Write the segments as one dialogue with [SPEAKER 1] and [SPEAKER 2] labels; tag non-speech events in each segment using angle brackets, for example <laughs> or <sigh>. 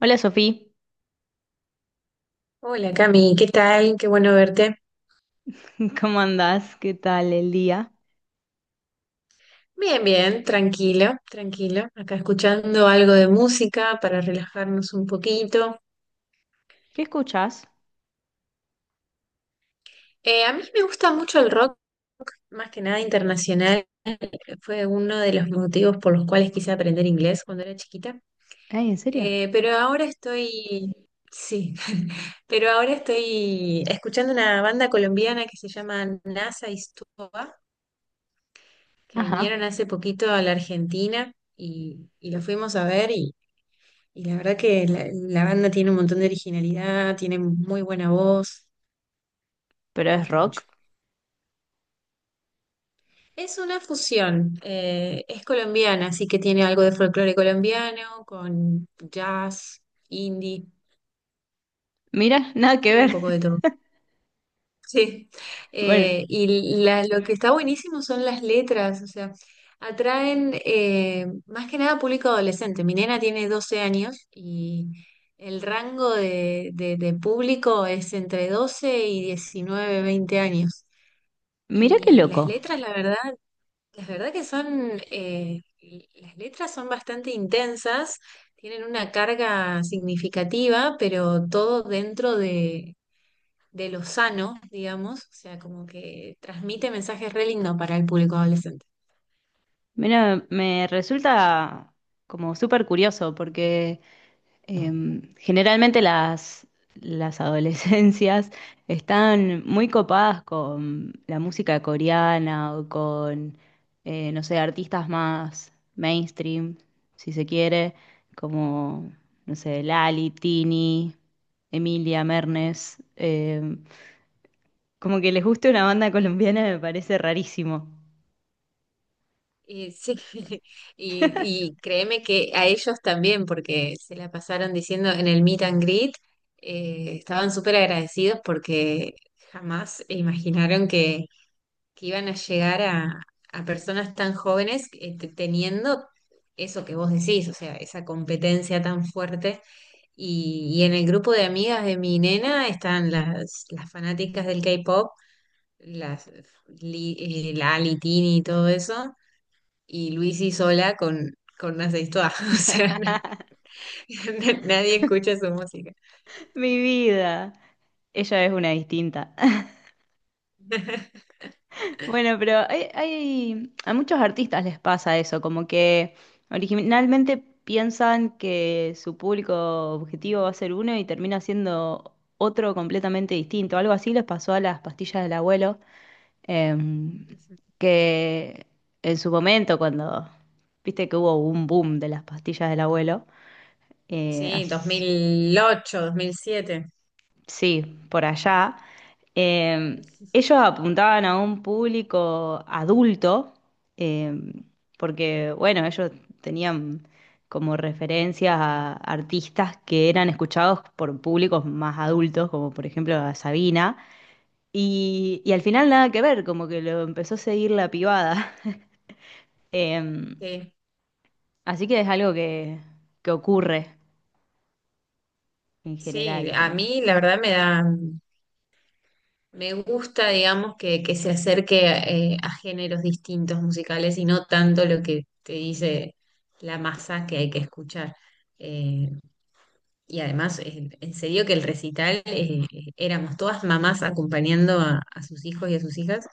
[SPEAKER 1] Hola Sofía.
[SPEAKER 2] Hola Cami, ¿qué tal? Qué bueno verte.
[SPEAKER 1] <laughs> ¿Cómo andás? ¿Qué tal el día?
[SPEAKER 2] Bien, bien, tranquilo, tranquilo. Acá escuchando algo de música para relajarnos un poquito.
[SPEAKER 1] ¿Qué escuchás?
[SPEAKER 2] A mí me gusta mucho el rock, más que nada internacional. Fue uno de los motivos por los cuales quise aprender inglés cuando era chiquita.
[SPEAKER 1] Ay, ¿en serio?
[SPEAKER 2] Eh, pero ahora estoy, sí, <laughs> pero ahora estoy escuchando una banda colombiana que se llama NASA y Stupa, que
[SPEAKER 1] Ajá,
[SPEAKER 2] vinieron hace poquito a la Argentina y los fuimos a ver. Y la verdad que la banda tiene un montón de originalidad, tiene muy buena voz,
[SPEAKER 1] pero
[SPEAKER 2] me
[SPEAKER 1] es
[SPEAKER 2] gusta
[SPEAKER 1] rock.
[SPEAKER 2] mucho. Es una fusión, es colombiana, así que tiene algo de folclore colombiano con jazz, indie,
[SPEAKER 1] Mira, <laughs> nada que
[SPEAKER 2] tiene
[SPEAKER 1] ver.
[SPEAKER 2] un poco de
[SPEAKER 1] <laughs>
[SPEAKER 2] todo. Sí,
[SPEAKER 1] Bueno,
[SPEAKER 2] lo que está buenísimo son las letras, o sea, atraen, más que nada público adolescente. Mi nena tiene 12 años y el rango de público es entre 12 y 19 20 años.
[SPEAKER 1] mira qué
[SPEAKER 2] Y las
[SPEAKER 1] loco.
[SPEAKER 2] letras, la verdad, las letras son bastante intensas, tienen una carga significativa, pero todo dentro de lo sano, digamos, o sea, como que transmite mensajes re lindos para el público adolescente.
[SPEAKER 1] Mira, me resulta como súper curioso porque generalmente las adolescencias están muy copadas con la música coreana o con, no sé, artistas más mainstream, si se quiere, como, no sé, Lali, Tini, Emilia, Mernes. Como que les guste una banda
[SPEAKER 2] Sí.
[SPEAKER 1] colombiana me parece rarísimo.
[SPEAKER 2] Y sí, <laughs> y créeme que a ellos también, porque se la pasaron diciendo en el meet and greet, estaban súper agradecidos porque jamás imaginaron que iban a llegar a personas tan jóvenes, teniendo eso que vos decís, o sea, esa competencia tan fuerte. Y en el grupo de amigas de mi nena están las fanáticas del K-pop, las Li- Lali, Tini y todo eso, y Luisi sola con una sextuá. <laughs> O sea, <laughs> nadie escucha su música.
[SPEAKER 1] <laughs> Mi vida. Ella es una distinta.
[SPEAKER 2] <laughs>
[SPEAKER 1] Bueno, pero a muchos artistas les pasa eso, como que originalmente piensan que su público objetivo va a ser uno y termina siendo otro completamente distinto. Algo así les pasó a las pastillas del abuelo, em, que en su momento, cuando viste que hubo un boom de las pastillas del abuelo, eh,
[SPEAKER 2] Sí, dos
[SPEAKER 1] as-
[SPEAKER 2] mil ocho 2007.
[SPEAKER 1] sí, por allá, eh, ellos apuntaban a un público adulto, eh, porque, bueno, ellos tenían como referencias a artistas que eran escuchados por públicos más adultos, como por ejemplo a Sabina, y al final nada que ver, como que lo empezó a seguir la pibada. <laughs> Em,
[SPEAKER 2] Sí.
[SPEAKER 1] Así que es algo que ocurre en
[SPEAKER 2] Sí,
[SPEAKER 1] general,
[SPEAKER 2] a
[SPEAKER 1] como...
[SPEAKER 2] mí la verdad me gusta, digamos, que se acerque, a géneros distintos musicales y no tanto lo que te dice la masa que hay que escuchar. Eh, y además, en serio que el recital, éramos todas mamás acompañando a sus hijos y a sus hijas,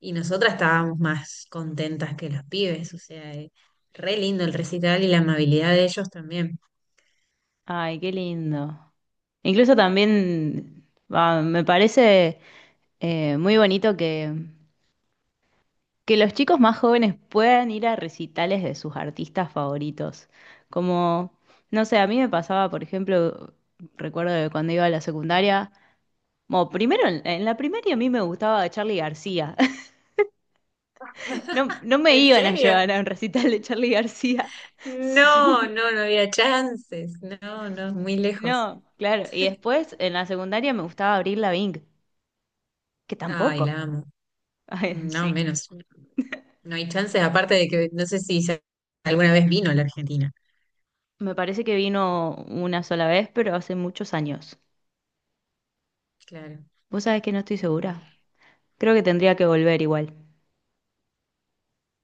[SPEAKER 2] y nosotras estábamos más contentas que los pibes, o sea, re lindo el recital y la amabilidad de ellos también.
[SPEAKER 1] Ay, qué lindo. Incluso también ah, me parece muy bonito que los chicos más jóvenes puedan ir a recitales de sus artistas favoritos. Como, no sé, a mí me pasaba, por ejemplo, recuerdo de cuando iba a la secundaria, bueno, primero en la primaria a mí me gustaba Charly García. <laughs> No,
[SPEAKER 2] <laughs>
[SPEAKER 1] no me
[SPEAKER 2] ¿En
[SPEAKER 1] iban a
[SPEAKER 2] serio?
[SPEAKER 1] llevar a un recital de Charly García. <laughs>
[SPEAKER 2] No,
[SPEAKER 1] Sí,
[SPEAKER 2] no, no había chances. No, no, muy lejos.
[SPEAKER 1] no, claro. Y después en la secundaria me gustaba Avril Lavigne, que
[SPEAKER 2] Ay,
[SPEAKER 1] tampoco.
[SPEAKER 2] la amo.
[SPEAKER 1] <laughs> Ay,
[SPEAKER 2] No,
[SPEAKER 1] sí.
[SPEAKER 2] menos. No hay chances, aparte de que no sé si alguna vez vino a la Argentina.
[SPEAKER 1] Me parece que vino una sola vez, pero hace muchos años.
[SPEAKER 2] Claro.
[SPEAKER 1] Vos sabés que no estoy segura. Creo que tendría que volver igual,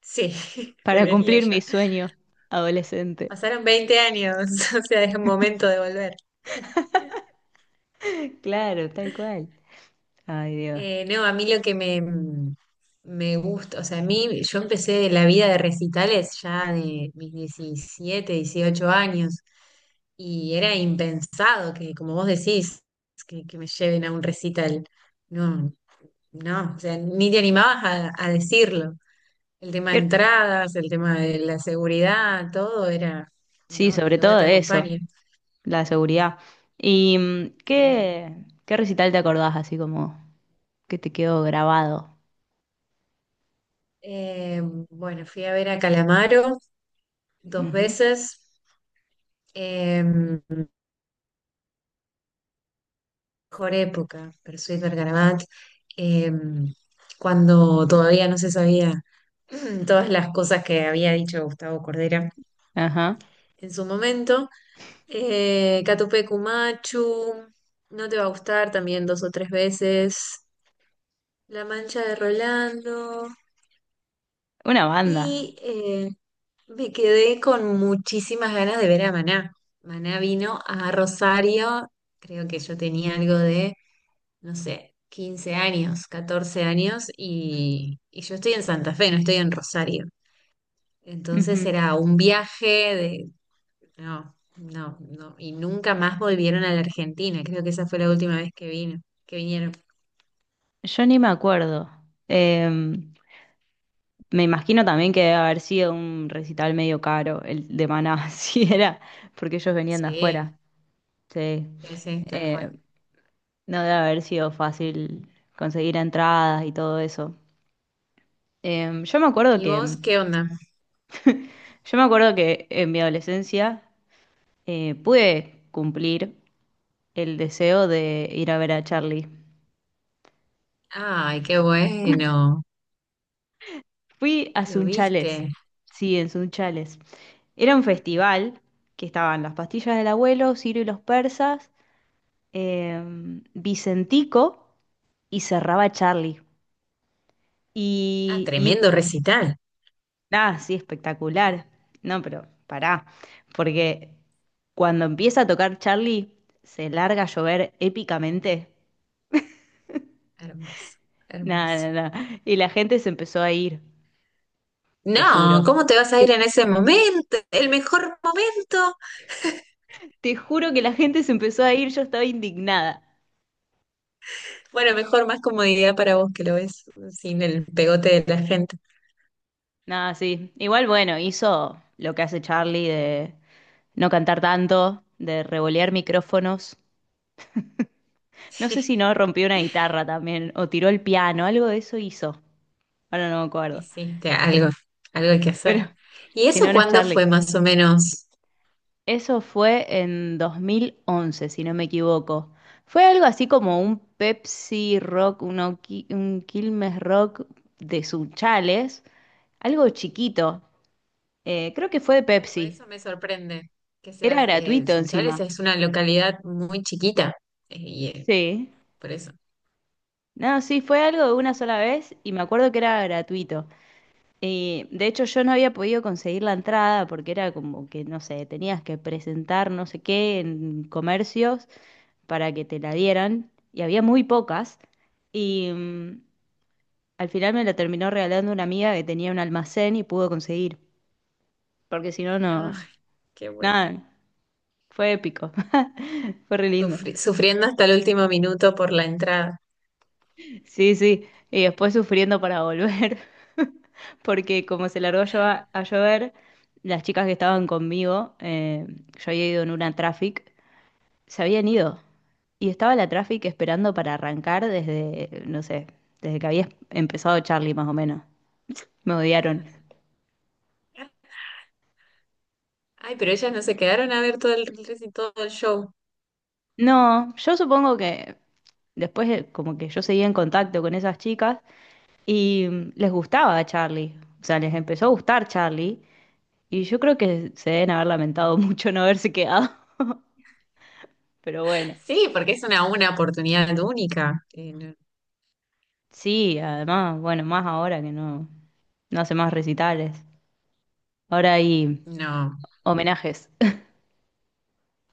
[SPEAKER 2] Sí, <laughs>
[SPEAKER 1] para
[SPEAKER 2] debería
[SPEAKER 1] cumplir mi
[SPEAKER 2] ya.
[SPEAKER 1] sueño adolescente.
[SPEAKER 2] Pasaron 20 años, <laughs> o sea, es un momento de volver.
[SPEAKER 1] <laughs> Claro, tal cual. Ay, Dios.
[SPEAKER 2] No, a mí lo que me gusta, o sea, a mí yo empecé la vida de recitales ya de mis 17 18 años y era impensado que, como vos decís, que me lleven a un recital. No, no, o sea, ni te animabas a decirlo. El tema de
[SPEAKER 1] ¿Qué-?
[SPEAKER 2] entradas, el tema de la seguridad, todo era,
[SPEAKER 1] Sí,
[SPEAKER 2] no, ni
[SPEAKER 1] sobre todo
[SPEAKER 2] loca te
[SPEAKER 1] de eso,
[SPEAKER 2] acompaña.
[SPEAKER 1] la seguridad. ¿Y
[SPEAKER 2] Sí.
[SPEAKER 1] qué, qué recital te acordás así como que te quedó grabado?
[SPEAKER 2] Eh, bueno, fui a ver a Calamaro dos
[SPEAKER 1] Ujú.
[SPEAKER 2] veces. Em, Mejor época, per Sweet Bergarabat, em, cuando todavía no se sabía <clears throat> todas las cosas que había dicho Gustavo Cordera
[SPEAKER 1] Ajá.
[SPEAKER 2] en su momento. Catupecu Machu, No te va a gustar también dos o tres veces. La Mancha de Rolando.
[SPEAKER 1] Una banda.
[SPEAKER 2] Y, me quedé con muchísimas ganas de ver a Maná. Maná vino a Rosario, creo que yo tenía algo de, no sé, 15 años, 14 años, y yo estoy en Santa Fe, no estoy en Rosario. Entonces
[SPEAKER 1] Ujú.
[SPEAKER 2] era un viaje de. No, no, no. Y nunca más volvieron a la Argentina. Creo que esa fue la última vez que vino, que vinieron.
[SPEAKER 1] Yo ni me acuerdo. Em, Me imagino también que debe haber sido un recital medio caro, el de Maná, <laughs> si era, porque ellos venían de
[SPEAKER 2] Sí,
[SPEAKER 1] afuera. Sí.
[SPEAKER 2] sí, sí, tal cual.
[SPEAKER 1] Eh, no debe haber sido fácil conseguir entradas y todo eso. Eh, yo me acuerdo
[SPEAKER 2] ¿Y
[SPEAKER 1] que,
[SPEAKER 2] vos qué onda?
[SPEAKER 1] yo me acuerdo que en mi adolescencia pude cumplir el deseo de ir a ver a Charlie.
[SPEAKER 2] Ay, qué bueno.
[SPEAKER 1] Fui a
[SPEAKER 2] ¿Lo
[SPEAKER 1] Sunchales,
[SPEAKER 2] viste?
[SPEAKER 1] sí, en Sunchales. Era un festival que estaban las pastillas del abuelo, Ciro y los persas, Vicentico y cerraba Charlie.
[SPEAKER 2] Ah,
[SPEAKER 1] Y
[SPEAKER 2] tremendo recital.
[SPEAKER 1] nada, sí, espectacular. No, pero pará, porque cuando empieza a tocar Charlie, se larga a llover épicamente. <laughs>
[SPEAKER 2] Hermoso, hermoso.
[SPEAKER 1] Nada, nada, nada. Y la gente se empezó a ir, te
[SPEAKER 2] No,
[SPEAKER 1] juro.
[SPEAKER 2] ¿cómo te vas a
[SPEAKER 1] Te,
[SPEAKER 2] ir en ese momento? El mejor momento.
[SPEAKER 1] Te juro que la gente se empezó a ir, yo estaba indignada.
[SPEAKER 2] Bueno, mejor más comodidad para vos que lo ves sin el pegote de la gente.
[SPEAKER 1] Nada, sí. Igual, bueno, hizo lo que hace Charlie de no cantar tanto, de revolear micrófonos. No sé si no
[SPEAKER 2] <laughs>
[SPEAKER 1] rompió una guitarra también, o tiró el piano, algo de eso hizo. Ahora no me acuerdo.
[SPEAKER 2] Hiciste algo, algo hay que
[SPEAKER 1] Pero
[SPEAKER 2] hacer.
[SPEAKER 1] <laughs>
[SPEAKER 2] ¿Y
[SPEAKER 1] si
[SPEAKER 2] eso
[SPEAKER 1] no, no es
[SPEAKER 2] cuándo
[SPEAKER 1] Charlie.
[SPEAKER 2] fue más o menos?
[SPEAKER 1] Eso fue en 2011, si no me equivoco. Fue algo así como un Pepsi Rock, un, un Quilmes Rock de Sunchales, algo chiquito. Creo que fue de
[SPEAKER 2] Claro, por
[SPEAKER 1] Pepsi.
[SPEAKER 2] eso me sorprende que
[SPEAKER 1] Era
[SPEAKER 2] seas,
[SPEAKER 1] gratuito
[SPEAKER 2] Sunchales
[SPEAKER 1] encima.
[SPEAKER 2] es una localidad muy chiquita, eh, y eh,
[SPEAKER 1] Sí.
[SPEAKER 2] por eso.
[SPEAKER 1] No, sí, fue algo de una sola vez y me acuerdo que era gratuito. De hecho, yo no había podido conseguir la entrada porque era como que, no sé, tenías que presentar no sé qué en comercios para que te la dieran y había muy pocas. Y al final me la terminó regalando una amiga que tenía un almacén y pudo conseguir, porque si no,
[SPEAKER 2] Ah,
[SPEAKER 1] no,
[SPEAKER 2] qué bueno.
[SPEAKER 1] nada, fue épico, <laughs> fue re lindo.
[SPEAKER 2] Sufriendo hasta el último minuto por la entrada.
[SPEAKER 1] Sí, sí, y después sufriendo para volver, <laughs> porque como se largó a llover, las chicas que estaban conmigo, yo había ido en una traffic, se habían ido. Y estaba la Traffic esperando para arrancar desde, no sé, desde que había empezado Charlie más o menos. Me odiaron.
[SPEAKER 2] Ay, pero ellas no se quedaron a ver todo el show.
[SPEAKER 1] No, yo supongo que después como que yo seguía en contacto con esas chicas y les gustaba a Charlie. O sea, les empezó a gustar Charlie y yo creo que se deben haber lamentado <laughs> mucho no haberse quedado. <laughs> Pero bueno,
[SPEAKER 2] Sí, porque es una oportunidad única. No,
[SPEAKER 1] sí, además, bueno, más ahora que no, no hace más recitales. Ahora hay
[SPEAKER 2] no.
[SPEAKER 1] homenajes.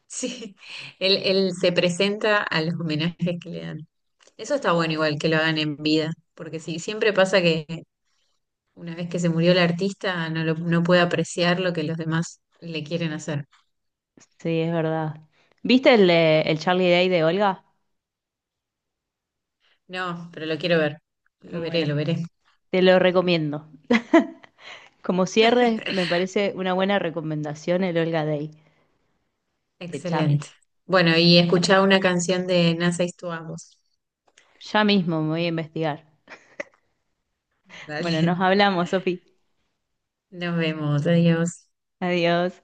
[SPEAKER 2] Sí, él se presenta a los homenajes que le dan. Eso está bueno igual que lo hagan en vida, porque sí, siempre pasa que una vez que se murió el artista no, no puede apreciar lo que los demás le quieren hacer.
[SPEAKER 1] Sí, es verdad. ¿Viste el Charlie Day de Olga?
[SPEAKER 2] No, pero lo quiero ver, lo veré,
[SPEAKER 1] Bueno,
[SPEAKER 2] lo veré.
[SPEAKER 1] te lo recomiendo. <laughs> Como cierre, me parece una buena recomendación el Olga Day de Charlie.
[SPEAKER 2] Excelente. Bueno, y escuchá una canción de Nasa Istuamos.
[SPEAKER 1] Ya mismo me voy a investigar. Bueno, nos
[SPEAKER 2] Dale,
[SPEAKER 1] hablamos, Sofi.
[SPEAKER 2] <laughs> nos vemos, adiós.
[SPEAKER 1] Adiós.